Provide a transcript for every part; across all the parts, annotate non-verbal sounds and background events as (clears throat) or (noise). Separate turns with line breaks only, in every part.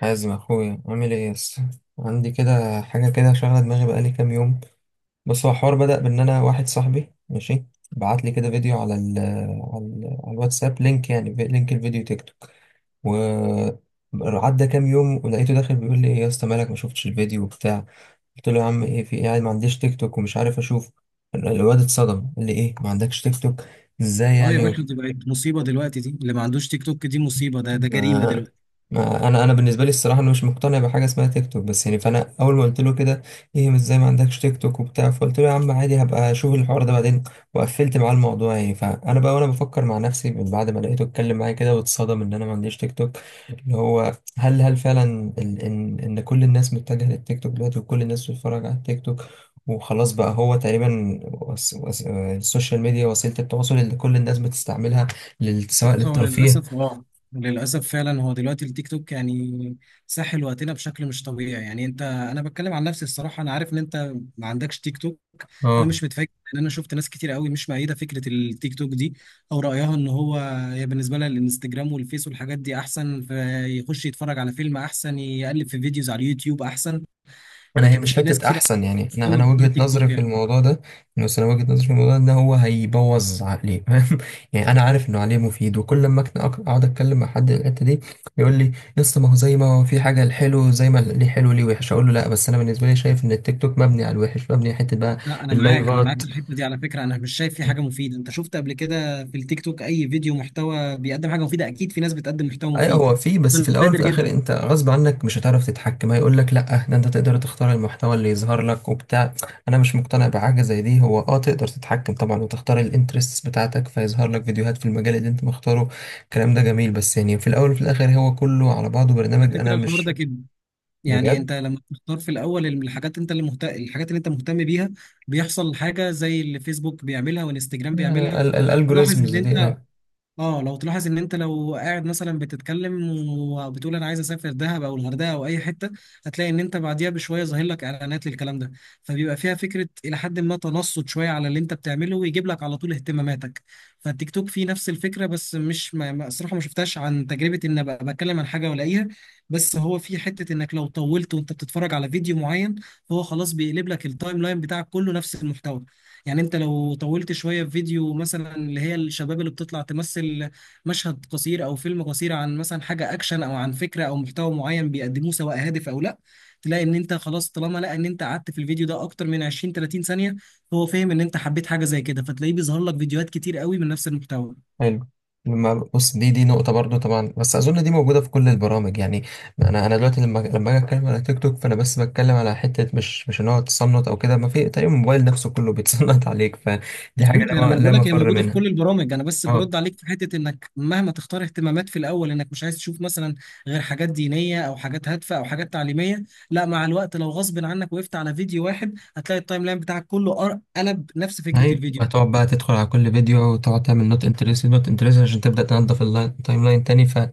حازم اخويا، عامل ايه يس؟ عندي كده حاجه كده شغله دماغي بقالي كام يوم. بس هو الحوار بدا بان انا واحد صاحبي ماشي بعت لي كده فيديو على الواتساب، لينك يعني لينك الفيديو تيك توك. و عدى كام يوم ولقيته داخل بيقول لي: ايه يا اسطى، مالك ما شفتش الفيديو وبتاع؟ قلت له: يا عم ايه، في ايه يعني، ما عنديش تيك توك ومش عارف اشوف. الواد اتصدم قال لي: ايه، ما عندكش تيك توك؟ ازاي
اه، يا
يعني؟
باشا، دي بقت مصيبة دلوقتي. دي اللي ما عندوش تيك توك دي مصيبة. ده جريمة
ما
دلوقتي.
ما انا بالنسبه لي الصراحه، انا مش مقتنع بحاجه اسمها تيك توك بس. يعني فانا اول ما قلت له كده: ايه، مش زي ما عندكش تيك توك وبتاع. فقلت له: يا عم عادي، هبقى اشوف الحوار ده بعدين. وقفلت معاه الموضوع يعني. فانا بقى وانا بفكر مع نفسي، من بعد ما لقيته اتكلم معايا كده واتصدم ان انا ما عنديش تيك توك، اللي هو هل فعلا ان كل الناس متجهه للتيك توك دلوقتي، وكل الناس بتتفرج على التيك توك، وخلاص بقى هو تقريبا وس... وس... آه، السوشيال ميديا وسيله التواصل اللي كل الناس بتستعملها، سواء
بص، هو
للترفيه.
للأسف، فعلا هو دلوقتي التيك توك يعني ساحل وقتنا بشكل مش طبيعي. يعني انا بتكلم عن نفسي. الصراحة انا عارف ان انت ما عندكش تيك توك. انا
اه،
مش متفاجئ لان انا شفت ناس كتير قوي مش مؤيدة فكرة التيك توك دي. او رأيها ان هي بالنسبة لها الانستجرام والفيس والحاجات دي احسن، فيخش يتفرج على فيلم احسن، يقلب في فيديوز على اليوتيوب احسن.
انا هي
لكن
مش
في ناس
حته
كتير قوي
احسن يعني. انا
بتتكلم عن
وجهه
التيك
نظري
توك
في
يعني.
الموضوع ده. بس انا وجهه نظري في الموضوع ده ان هو هيبوظ عقلي (laughs) فاهم؟ يعني انا عارف انه عليه مفيد، وكل ما اقعد اتكلم مع حد الحته دي يقول لي: لسه ما هو زي ما هو، في حاجه الحلو، زي ما ليه حلو ليه وحش. اقول له: لا، بس انا بالنسبه لي شايف ان التيك توك مبني على الوحش، مبني على حته بقى.
لا، انا معاك
اللايفات
في الحته دي. على فكره انا مش شايف في حاجه مفيده. انت شفت قبل كده في التيك توك اي فيديو محتوى بيقدم حاجه مفيده؟ اكيد في ناس بتقدم محتوى
اي
مفيد،
هو فيه. بس في
ده
الاول وفي
نادر
الاخر
جدا.
انت غصب عنك مش هتعرف تتحكم. هيقول لك: لا ده انت تقدر تختار المحتوى اللي يظهر لك وبتاع. انا مش مقتنع بحاجه زي دي. هو اه، تقدر تتحكم طبعا وتختار الانترستس بتاعتك فيظهر لك فيديوهات في المجال اللي انت مختاره. الكلام ده جميل، بس يعني في الاول وفي الاخر هو كله على بعضه
على
برنامج، انا
فكره الحوار
مش.
ده كده، يعني
بجد.
انت لما بتختار في الاول الحاجات الحاجات اللي انت مهتم بيها، بيحصل حاجه زي اللي فيسبوك بيعملها وانستجرام بيعملها. تلاحظ ان
الالجوريزمز دي،
انت
اه.
اه لو تلاحظ ان انت لو قاعد مثلا بتتكلم وبتقول انا عايز اسافر دهب او الغردقه او اي حته، هتلاقي ان انت بعديها بشويه ظاهر لك اعلانات للكلام ده. فبيبقى فيها فكره الى حد ما تنصت شويه على اللي انت بتعمله ويجيب لك على طول اهتماماتك. فالتيك توك فيه نفس الفكره، بس مش الصراحه ما شفتهاش عن تجربه ان ابقى بتكلم عن حاجه والاقيها. بس هو في حته انك لو طولت وانت بتتفرج على فيديو معين، هو خلاص بيقلب لك التايم لاين بتاعك كله نفس المحتوى. يعني انت لو طولت شويه في فيديو، مثلا اللي هي الشباب اللي بتطلع تمثل مشهد قصير او فيلم قصير عن مثلا حاجه اكشن او عن فكره او محتوى معين بيقدموه سواء هادف او لا، تلاقي ان انت خلاص طالما لقى ان انت قعدت في الفيديو ده اكتر من 20 30 ثانيه، هو فاهم ان انت حبيت حاجه زي كده فتلاقيه بيظهر لك فيديوهات كتير قوي من نفس المحتوى.
حلو. لما بص، دي نقطة برضو طبعا، بس أظن دي موجودة في كل البرامج يعني. أنا دلوقتي لما أجي أتكلم على تيك توك، فأنا بس بتكلم على حتة، مش إن هو تصنت أو كده، ما في تقريبا الموبايل نفسه كله بيتصنت (laughs) عليك، فدي حاجة
مظبوط، يعني
لا
ما انا
م- لا
بقول لك هي
مفر
موجوده في
منها.
كل البرامج. انا بس
اه.
برد عليك في حته انك مهما تختار اهتمامات في الاول انك مش عايز تشوف مثلا غير حاجات دينيه او حاجات هادفه او حاجات تعليميه، لا مع الوقت لو غصب عنك وقفت على فيديو واحد هتلاقي التايم لاين بتاعك كله قلب نفس فكره
ايوه،
الفيديو.
هتقعد بقى تدخل على كل فيديو وتقعد تعمل نوت انترست نوت انترست عشان تبدا تنظف التايم لاين تاني. فليه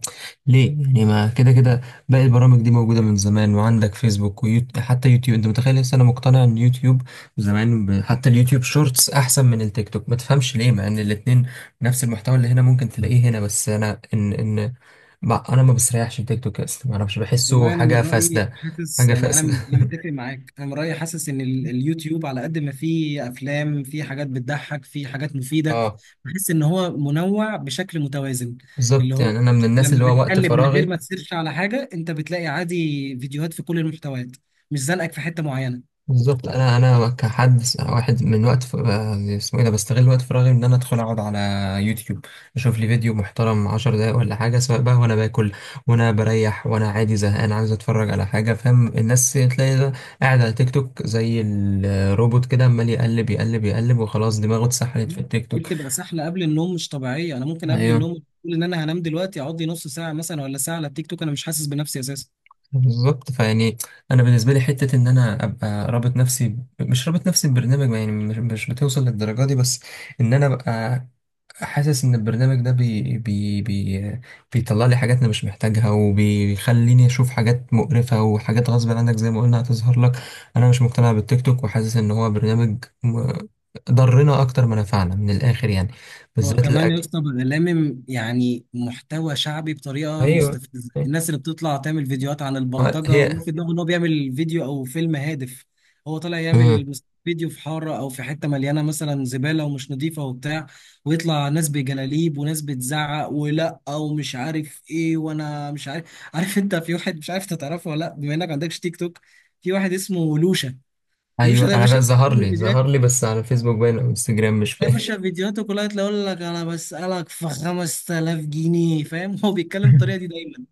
يعني، ما كده كده باقي البرامج دي موجوده من زمان، وعندك فيسبوك ويوتيوب. حتى يوتيوب انت متخيل، لسه انا مقتنع ان يوتيوب، حتى اليوتيوب شورتس احسن من التيك توك، ما تفهمش ليه، مع ان الاتنين نفس المحتوى اللي هنا ممكن تلاقيه هنا. بس انا ان ان ما... انا ما بستريحش التيك توك اصلا، ما اعرفش، بحسه
والله انا من
حاجه
رايي
فاسده.
حاسس،
حاجه
يعني انا،
فاسده
انا
(laughs)
متفق معاك. انا من رايي حاسس ان اليوتيوب على قد ما فيه افلام، فيه حاجات بتضحك، فيه حاجات مفيده.
اه.
بحس ان هو منوع بشكل متوازن. اللي
بالظبط
هو
يعني، انا من الناس اللي
لما
هو وقت
بتقلب من غير
فراغي.
ما تسيرش على حاجه، انت بتلاقي عادي فيديوهات في كل المحتويات، مش زنقك في حته معينه.
بالظبط، انا كحد واحد من وقت ف... آه، اسمه ايه ده، بستغل وقت فراغي ان انا ادخل اقعد على يوتيوب، اشوف لي فيديو محترم عشر دقايق ولا حاجه، سواء بقى وانا باكل وانا بريح وانا عادي زهقان عايز اتفرج على حاجه. فاهم؟ الناس تلاقي ده قاعد على تيك توك زي الروبوت كده، عمال يقلب يقلب يقلب، وخلاص دماغه اتسحلت في
مم.
التيك
دي
توك.
بتبقى سحله قبل النوم مش طبيعيه. انا ممكن قبل النوم
ايوه،
اقول ان انا هنام دلوقتي، اقعد لي نص ساعه مثلا ولا ساعه على التيك توك، انا مش حاسس بنفسي اساسا.
بالظبط. فيعني انا بالنسبه لي حته ان انا ابقى رابط نفسي مش رابط نفسي ببرنامج يعني، مش بتوصل للدرجه دي. بس ان انا ابقى حاسس ان البرنامج ده بي بي بي بيطلع لي حاجات انا مش محتاجها، وبيخليني اشوف حاجات مقرفة، وحاجات غصب عنك زي ما قلنا هتظهر لك. انا مش مقتنع بالتيك توك، وحاسس ان هو برنامج ضرنا اكتر ما نفعنا من الاخر يعني،
هو
بالذات
كمان يا
الاجل.
اسطى بقى يعني محتوى شعبي بطريقه
ايوه.
مستفزه. الناس اللي بتطلع تعمل فيديوهات عن البلطجه
هي.
وفي دماغه ان هو بيعمل فيديو او فيلم هادف. هو طالع
مم.
يعمل فيديو في حاره او في حته مليانه مثلا زباله ومش نظيفه وبتاع، ويطلع ناس بجلاليب وناس بتزعق ولا ومش عارف ايه. وانا مش عارف، عارف انت في واحد، مش عارف انت تعرفه ولا لا بما انك ما عندكش تيك توك. في واحد اسمه لوشا. لوشا
ايوه،
ده يا
انا
باشا
بقى ظهر لي بس، على فيسبوك باين او انستجرام مش
يا
فاكر
باشا فيديوهاته كلها تلاقي يقول لك انا بسألك في 5000 جنيه، فاهم؟ (laughs) هو بيتكلم بالطريقه دي
(laughs)
دايما.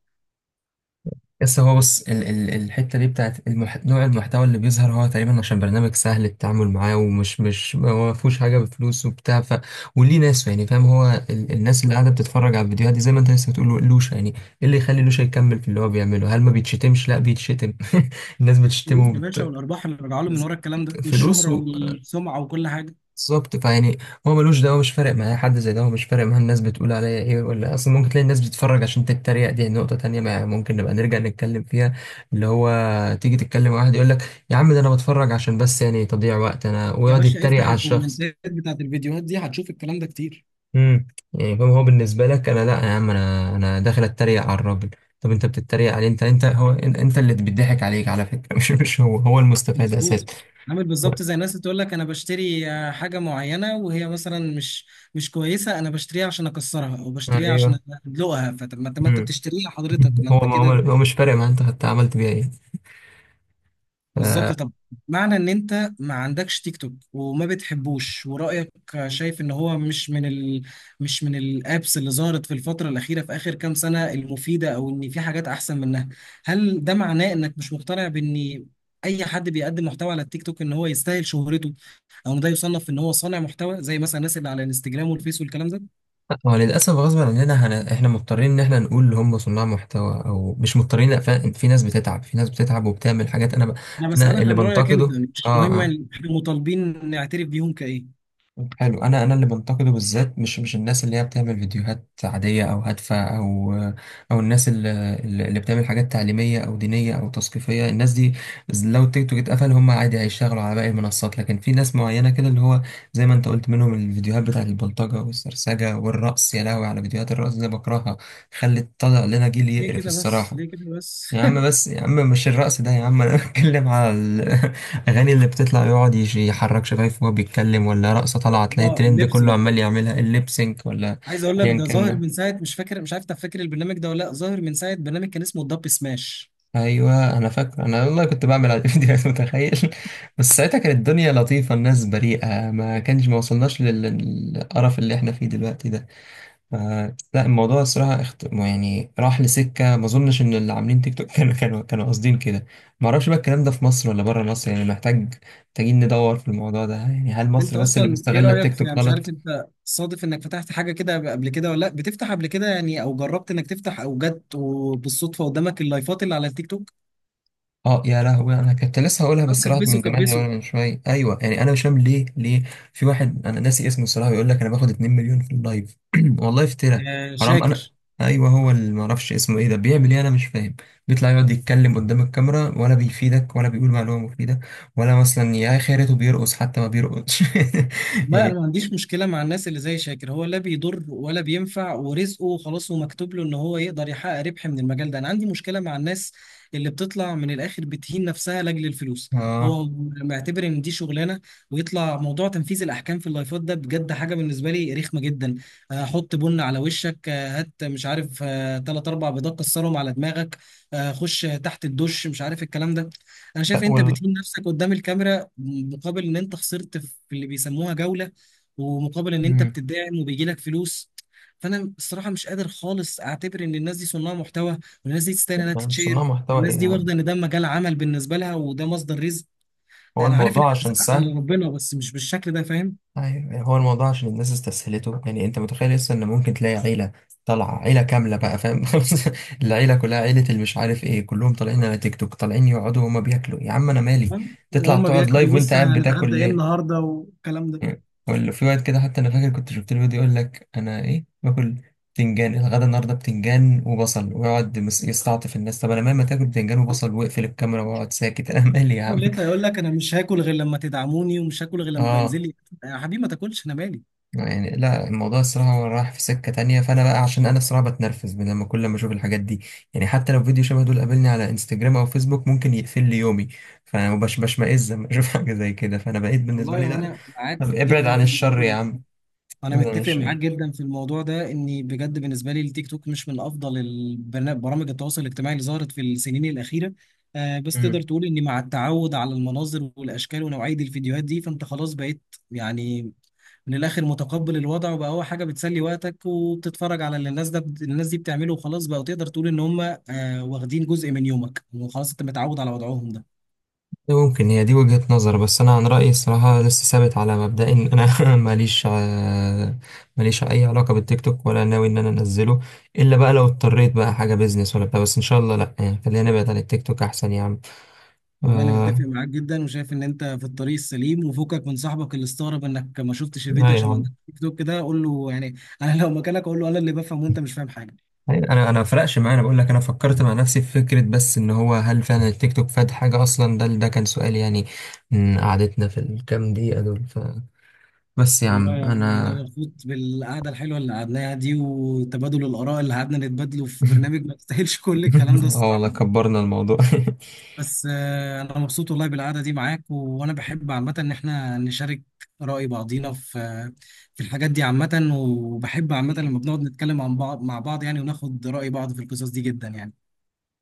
بس هو بص، ال الحتة دي بتاعت نوع المحتوى اللي بيظهر، هو تقريبا عشان برنامج سهل التعامل معاه، ومش مش هو ما فيهوش حاجة بفلوس وبتاع ف. وليه ناس، يعني فاهم؟ هو الناس اللي قاعدة بتتفرج على الفيديوهات دي، زي ما انت لسه بتقول لوشا، يعني ايه اللي يخلي لوشا يكمل في اللي هو بيعمله؟ هل ما بيتشتمش؟ لا، بيتشتم (laughs) الناس
الفلوس
بتشتمه
يا باشا، والارباح اللي راجعه له من ورا الكلام ده،
فلوس.
والشهره والسمعه وكل حاجه.
بالظبط، فيعني هو ملوش دعوه، مش فارق معاه. حد زي ده هو مش فارق معاه الناس بتقول عليا ايه، ولا اصلا ممكن تلاقي الناس بتتفرج عشان تتريق. دي نقطه تانية ما ممكن نبقى نرجع نتكلم فيها، اللي هو تيجي تتكلم مع واحد يقول لك: يا عم ده انا بتفرج عشان بس يعني تضييع وقت، انا،
يا
ويقعد
باشا
يتريق
افتح
على الشخص.
الكومنتات بتاعت الفيديوهات دي هتشوف الكلام ده كتير.
امم يعني فاهم؟ هو بالنسبه لك، انا لا يا عم، انا داخل اتريق على الراجل. طب انت بتتريق عليه؟ انت اللي بيضحك عليك على فكره (laughs) مش هو هو المستفاد اساسا.
مظبوط. عامل بالظبط زي الناس اللي تقول لك انا بشتري حاجه معينه وهي مثلا مش كويسه، انا بشتريها عشان اكسرها او بشتريها عشان
ايوه.
ادلقها. فطب، ما انت
امم
بتشتريها حضرتك،
(laughs)
ما
هو
انت
ما
كده
هو، هو مش فارق معاه انت حتى عملت بيها ايه.
بالظبط.
آه.
طب، معنى ان انت ما عندكش تيك توك وما بتحبوش ورأيك شايف ان هو مش من الابس اللي ظهرت في الفترة الأخيرة في آخر كام سنة المفيدة او ان في حاجات احسن منها، هل ده معناه انك مش مقتنع بان اي حد بيقدم محتوى على التيك توك ان هو يستاهل شهرته، او إن ده يصنف ان هو صانع محتوى زي مثلا الناس اللي على الانستجرام والفيس والكلام ده؟
هو للأسف غصب عننا، احنا مضطرين ان احنا نقول اللي هم صناع محتوى، او مش مضطرين، لأ، فعلا في ناس بتتعب، في ناس بتتعب وبتعمل حاجات. انا
انا
انا
بسألك
اللي
عن رأيك انت،
بنتقده.
مش
اه،
مهم
اه،
احنا مطالبين نعترف بيهم كايه.
حلو. انا اللي بنتقده بالذات، مش الناس اللي هي بتعمل فيديوهات عاديه او هادفه، او او الناس اللي بتعمل حاجات تعليميه او دينيه او تثقيفيه. الناس دي لو التيك توك اتقفل هم عادي هيشتغلوا على باقي المنصات. لكن في ناس معينه كده، اللي هو زي ما انت قلت منهم، الفيديوهات بتاعت البلطجه والسرسجه والرقص. يا لهوي على فيديوهات الرقص دي، بكرهها. خلت طلع لنا جيل
ليه
يقرف
كده بس
الصراحه.
ليه كده بس
يا عم
(laughs)
بس يا عم، مش الرقص ده يا عم، انا بتكلم على الاغاني (laughs) اللي بتطلع، يقعد يحرك شفايفه وهو بيتكلم، ولا رقصه طالعه تلاقي
اه،
الترند كله
الليبسينج.
عمال يعملها الليبسينك ولا
عايز اقول لك
ايا
ده
كان
ظاهر
ده.
من ساعه، مش فاكر، مش عارف انت فاكر البرنامج ده ولا لا، ظاهر من ساعه برنامج كان اسمه الدب سماش.
ايوه، انا فاكر، انا والله كنت بعمل على الفيديوهات (laughs) متخيل؟ بس ساعتها كانت الدنيا لطيفه، الناس بريئه، ما كانش، ما وصلناش للقرف اللي احنا فيه دلوقتي ده. ف- لا، الموضوع الصراحة يعني راح لسكة ما اظنش ان اللي عاملين تيك توك (laughs) كانوا قاصدين كده. ما اعرفش بقى الكلام ده في مصر ولا بره مصر يعني. محتاجين ندور في الموضوع ده يعني، هل
انت
مصر بس اللي
اصلا ايه
مستغلة
رايك
التيك
في، يعني
توك
مش عارف
غلط؟
انت صادف انك فتحت حاجه كده قبل كده ولا لا، بتفتح قبل كده يعني، او جربت انك تفتح، او جت وبالصدفه قدامك اللايفات اللي على التيك توك؟
اه يا لهوي، انا كنت لسه هقولها بس راحت من
كبسوا
دماغي
كبسوا
وانا من شويه. ايوه يعني انا مش فاهم ليه. في واحد انا ناسي اسمه الصراحه، بيقول لك انا باخد 2 مليون في اللايف (clears throat) والله افترى
آه،
حرام. انا
شاكر.
ايوه، هو اللي ما اعرفش اسمه ايه ده، بيعمل ايه انا مش فاهم، بيطلع يقعد يتكلم قدام الكاميرا، ولا بيفيدك ولا بيقول معلومه مفيده، ولا مثلا يا خيرته بيرقص، حتى ما بيرقصش (laughs)
والله انا
يعني
ما عنديش مشكله مع الناس اللي زي شاكر، هو لا بيضر ولا بينفع ورزقه خلاص ومكتوب له ان هو يقدر يحقق ربح من المجال ده. انا عندي مشكله مع الناس اللي بتطلع من الاخر بتهين نفسها لاجل الفلوس.
اه،
هو معتبر ان دي شغلانه. ويطلع موضوع تنفيذ الاحكام في اللايفات ده بجد حاجه بالنسبه لي رخمه جدا. حط بن على وشك، هات مش عارف ثلاث اربع بيضات كسرهم على دماغك، خش تحت الدش، مش عارف الكلام ده. انا
لا
شايف انت بتهين نفسك قدام الكاميرا مقابل ان انت خسرت في اللي بيسموها جولة، ومقابل ان انت
مم.
بتدعم وبيجي لك فلوس. فانا الصراحة مش قادر خالص اعتبر ان الناس دي صناع محتوى والناس دي تستاهل انها
يعني صناع
تتشير.
محتوى ايه
الناس
يا
دي
عم؟
واخدة ان ده مجال عمل بالنسبة لها وده مصدر رزق.
هو
انا عارف ان
الموضوع عشان
الرزق على
سهل.
ربنا بس مش بالشكل ده، فاهم
أيوة. يعني هو الموضوع عشان الناس استسهلته. يعني انت متخيل لسه ان ممكن تلاقي عيلة طالعة، عيلة كاملة بقى، فاهم؟ (laughs) العيلة كلها، عيلة اللي مش عارف ايه، كلهم طالعين على تيك توك، طالعين يقعدوا وهما بياكلوا. يا عم انا مالي،
فاهم؟
تطلع
وهم
تقعد لايف
بياكلوا
وانت
بص
قاعد بتاكل
هنتغدى ايه
ليه؟
النهارده والكلام ده.
ولا في وقت كده حتى، انا فاكر كنت شفت له فيديو يقول لك: انا ايه باكل؟ بتنجان الغدا النهارده، بتنجان وبصل، ويقعد يستعطف الناس. طب انا مهما تاكل بتنجان وبصل، واقفل الكاميرا واقعد ساكت (laughs) انا مالي يا
هو
عم.
لقيت يقول لك انا مش هاكل غير لما تدعموني، ومش هاكل
(laughs)
غير لما
اه.
ينزل لي. يا حبيبي ما تاكلش، انا مالي.
يعني لا، الموضوع الصراحة هو رايح في سكة تانية. فأنا بقى، عشان أنا الصراحة بتنرفز من لما، كل ما أشوف الحاجات دي يعني، حتى لو فيديو شبه دول قابلني على انستجرام أو فيسبوك ممكن يقفل لي يومي. فأنا بشمئز لما أشوف (laughs) حاجة زي كده. فأنا بقيت بالنسبة
والله
لي
هو
لا،
انا
طب
معاك
ابعد
جدا
عن
في
الشر
الموضوع
يا
ده.
عم،
انا
ابعد عن
متفق معاك
الشر.
جدا في الموضوع ده، اني بجد بالنسبه لي التيك توك مش من افضل برامج التواصل الاجتماعي اللي ظهرت في السنين الاخيره. بس تقدر
مم.
تقول اني مع التعود على المناظر والاشكال ونوعيه الفيديوهات دي فانت خلاص بقيت يعني من الاخر متقبل الوضع، وبقى هو حاجه بتسلي وقتك وبتتفرج على اللي الناس ده الناس دي بتعمله، وخلاص بقى تقدر تقول ان هم واخدين جزء من يومك وخلاص انت متعود على وضعهم ده.
ممكن هي دي وجهة نظر، بس أنا عن رأيي الصراحة لسه ثابت على مبدأي إن أنا (laughs) ماليش أي علاقة بالتيك توك، ولا ناوي إن أنا أنزله، إلا بقى لو اضطريت بقى حاجة بيزنس ولا بتاع. بس إن شاء الله لأ يعني، خلينا نبعد عن التيك توك أحسن يا عم.
والله انا متفق
آه.
معاك جدا، وشايف ان انت في الطريق السليم، وفكك من صاحبك اللي استغرب انك ما شفتش
لا
الفيديو
يا
عشان ما
عم،
عندكش تيك توك. كده قول له يعني (laughs) انا لو مكانك اقول له انا اللي بفهم وانت مش فاهم حاجه.
انا ما فرقش معايا، انا بقول لك انا فكرت مع نفسي في فكره بس، ان هو هل فعلا التيك توك فاد حاجه اصلا؟ ده كان سؤال يعني، من قعدتنا في الكام دقيقه دول بس يا
والله
عم
يعني انا
انا
مبسوط بالقعده الحلوه اللي قعدناها دي وتبادل الاراء اللي قعدنا نتبادله في
(laughs)
برنامج ما يستاهلش (laughs) كل الكلام ده
اه والله
الصراحه.
كبرنا الموضوع (laughs)
بس انا مبسوط والله بالقعده دي معاك، وانا بحب عامه ان احنا نشارك رأي بعضينا في الحاجات دي عامه، وبحب عامه لما بنقعد نتكلم عن بعض مع بعض يعني وناخد رأي بعض في القصص دي جدا يعني.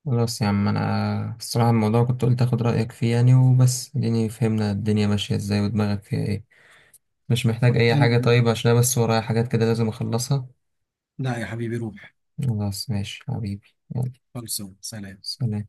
خلاص يا عم، انا الصراحه الموضوع كنت قلت اخد رايك فيه يعني وبس، اديني فهمنا الدنيا ماشيه ازاي ودماغك فيها ايه. مش محتاج اي
خلصانة يا
حاجه،
باشا.
طيب، عشان أنا بس ورايا حاجات كده لازم اخلصها.
لا يا حبيبي، روح.
خلاص ماشي حبيبي، يلا،
خلصوا، سلام.
سلام.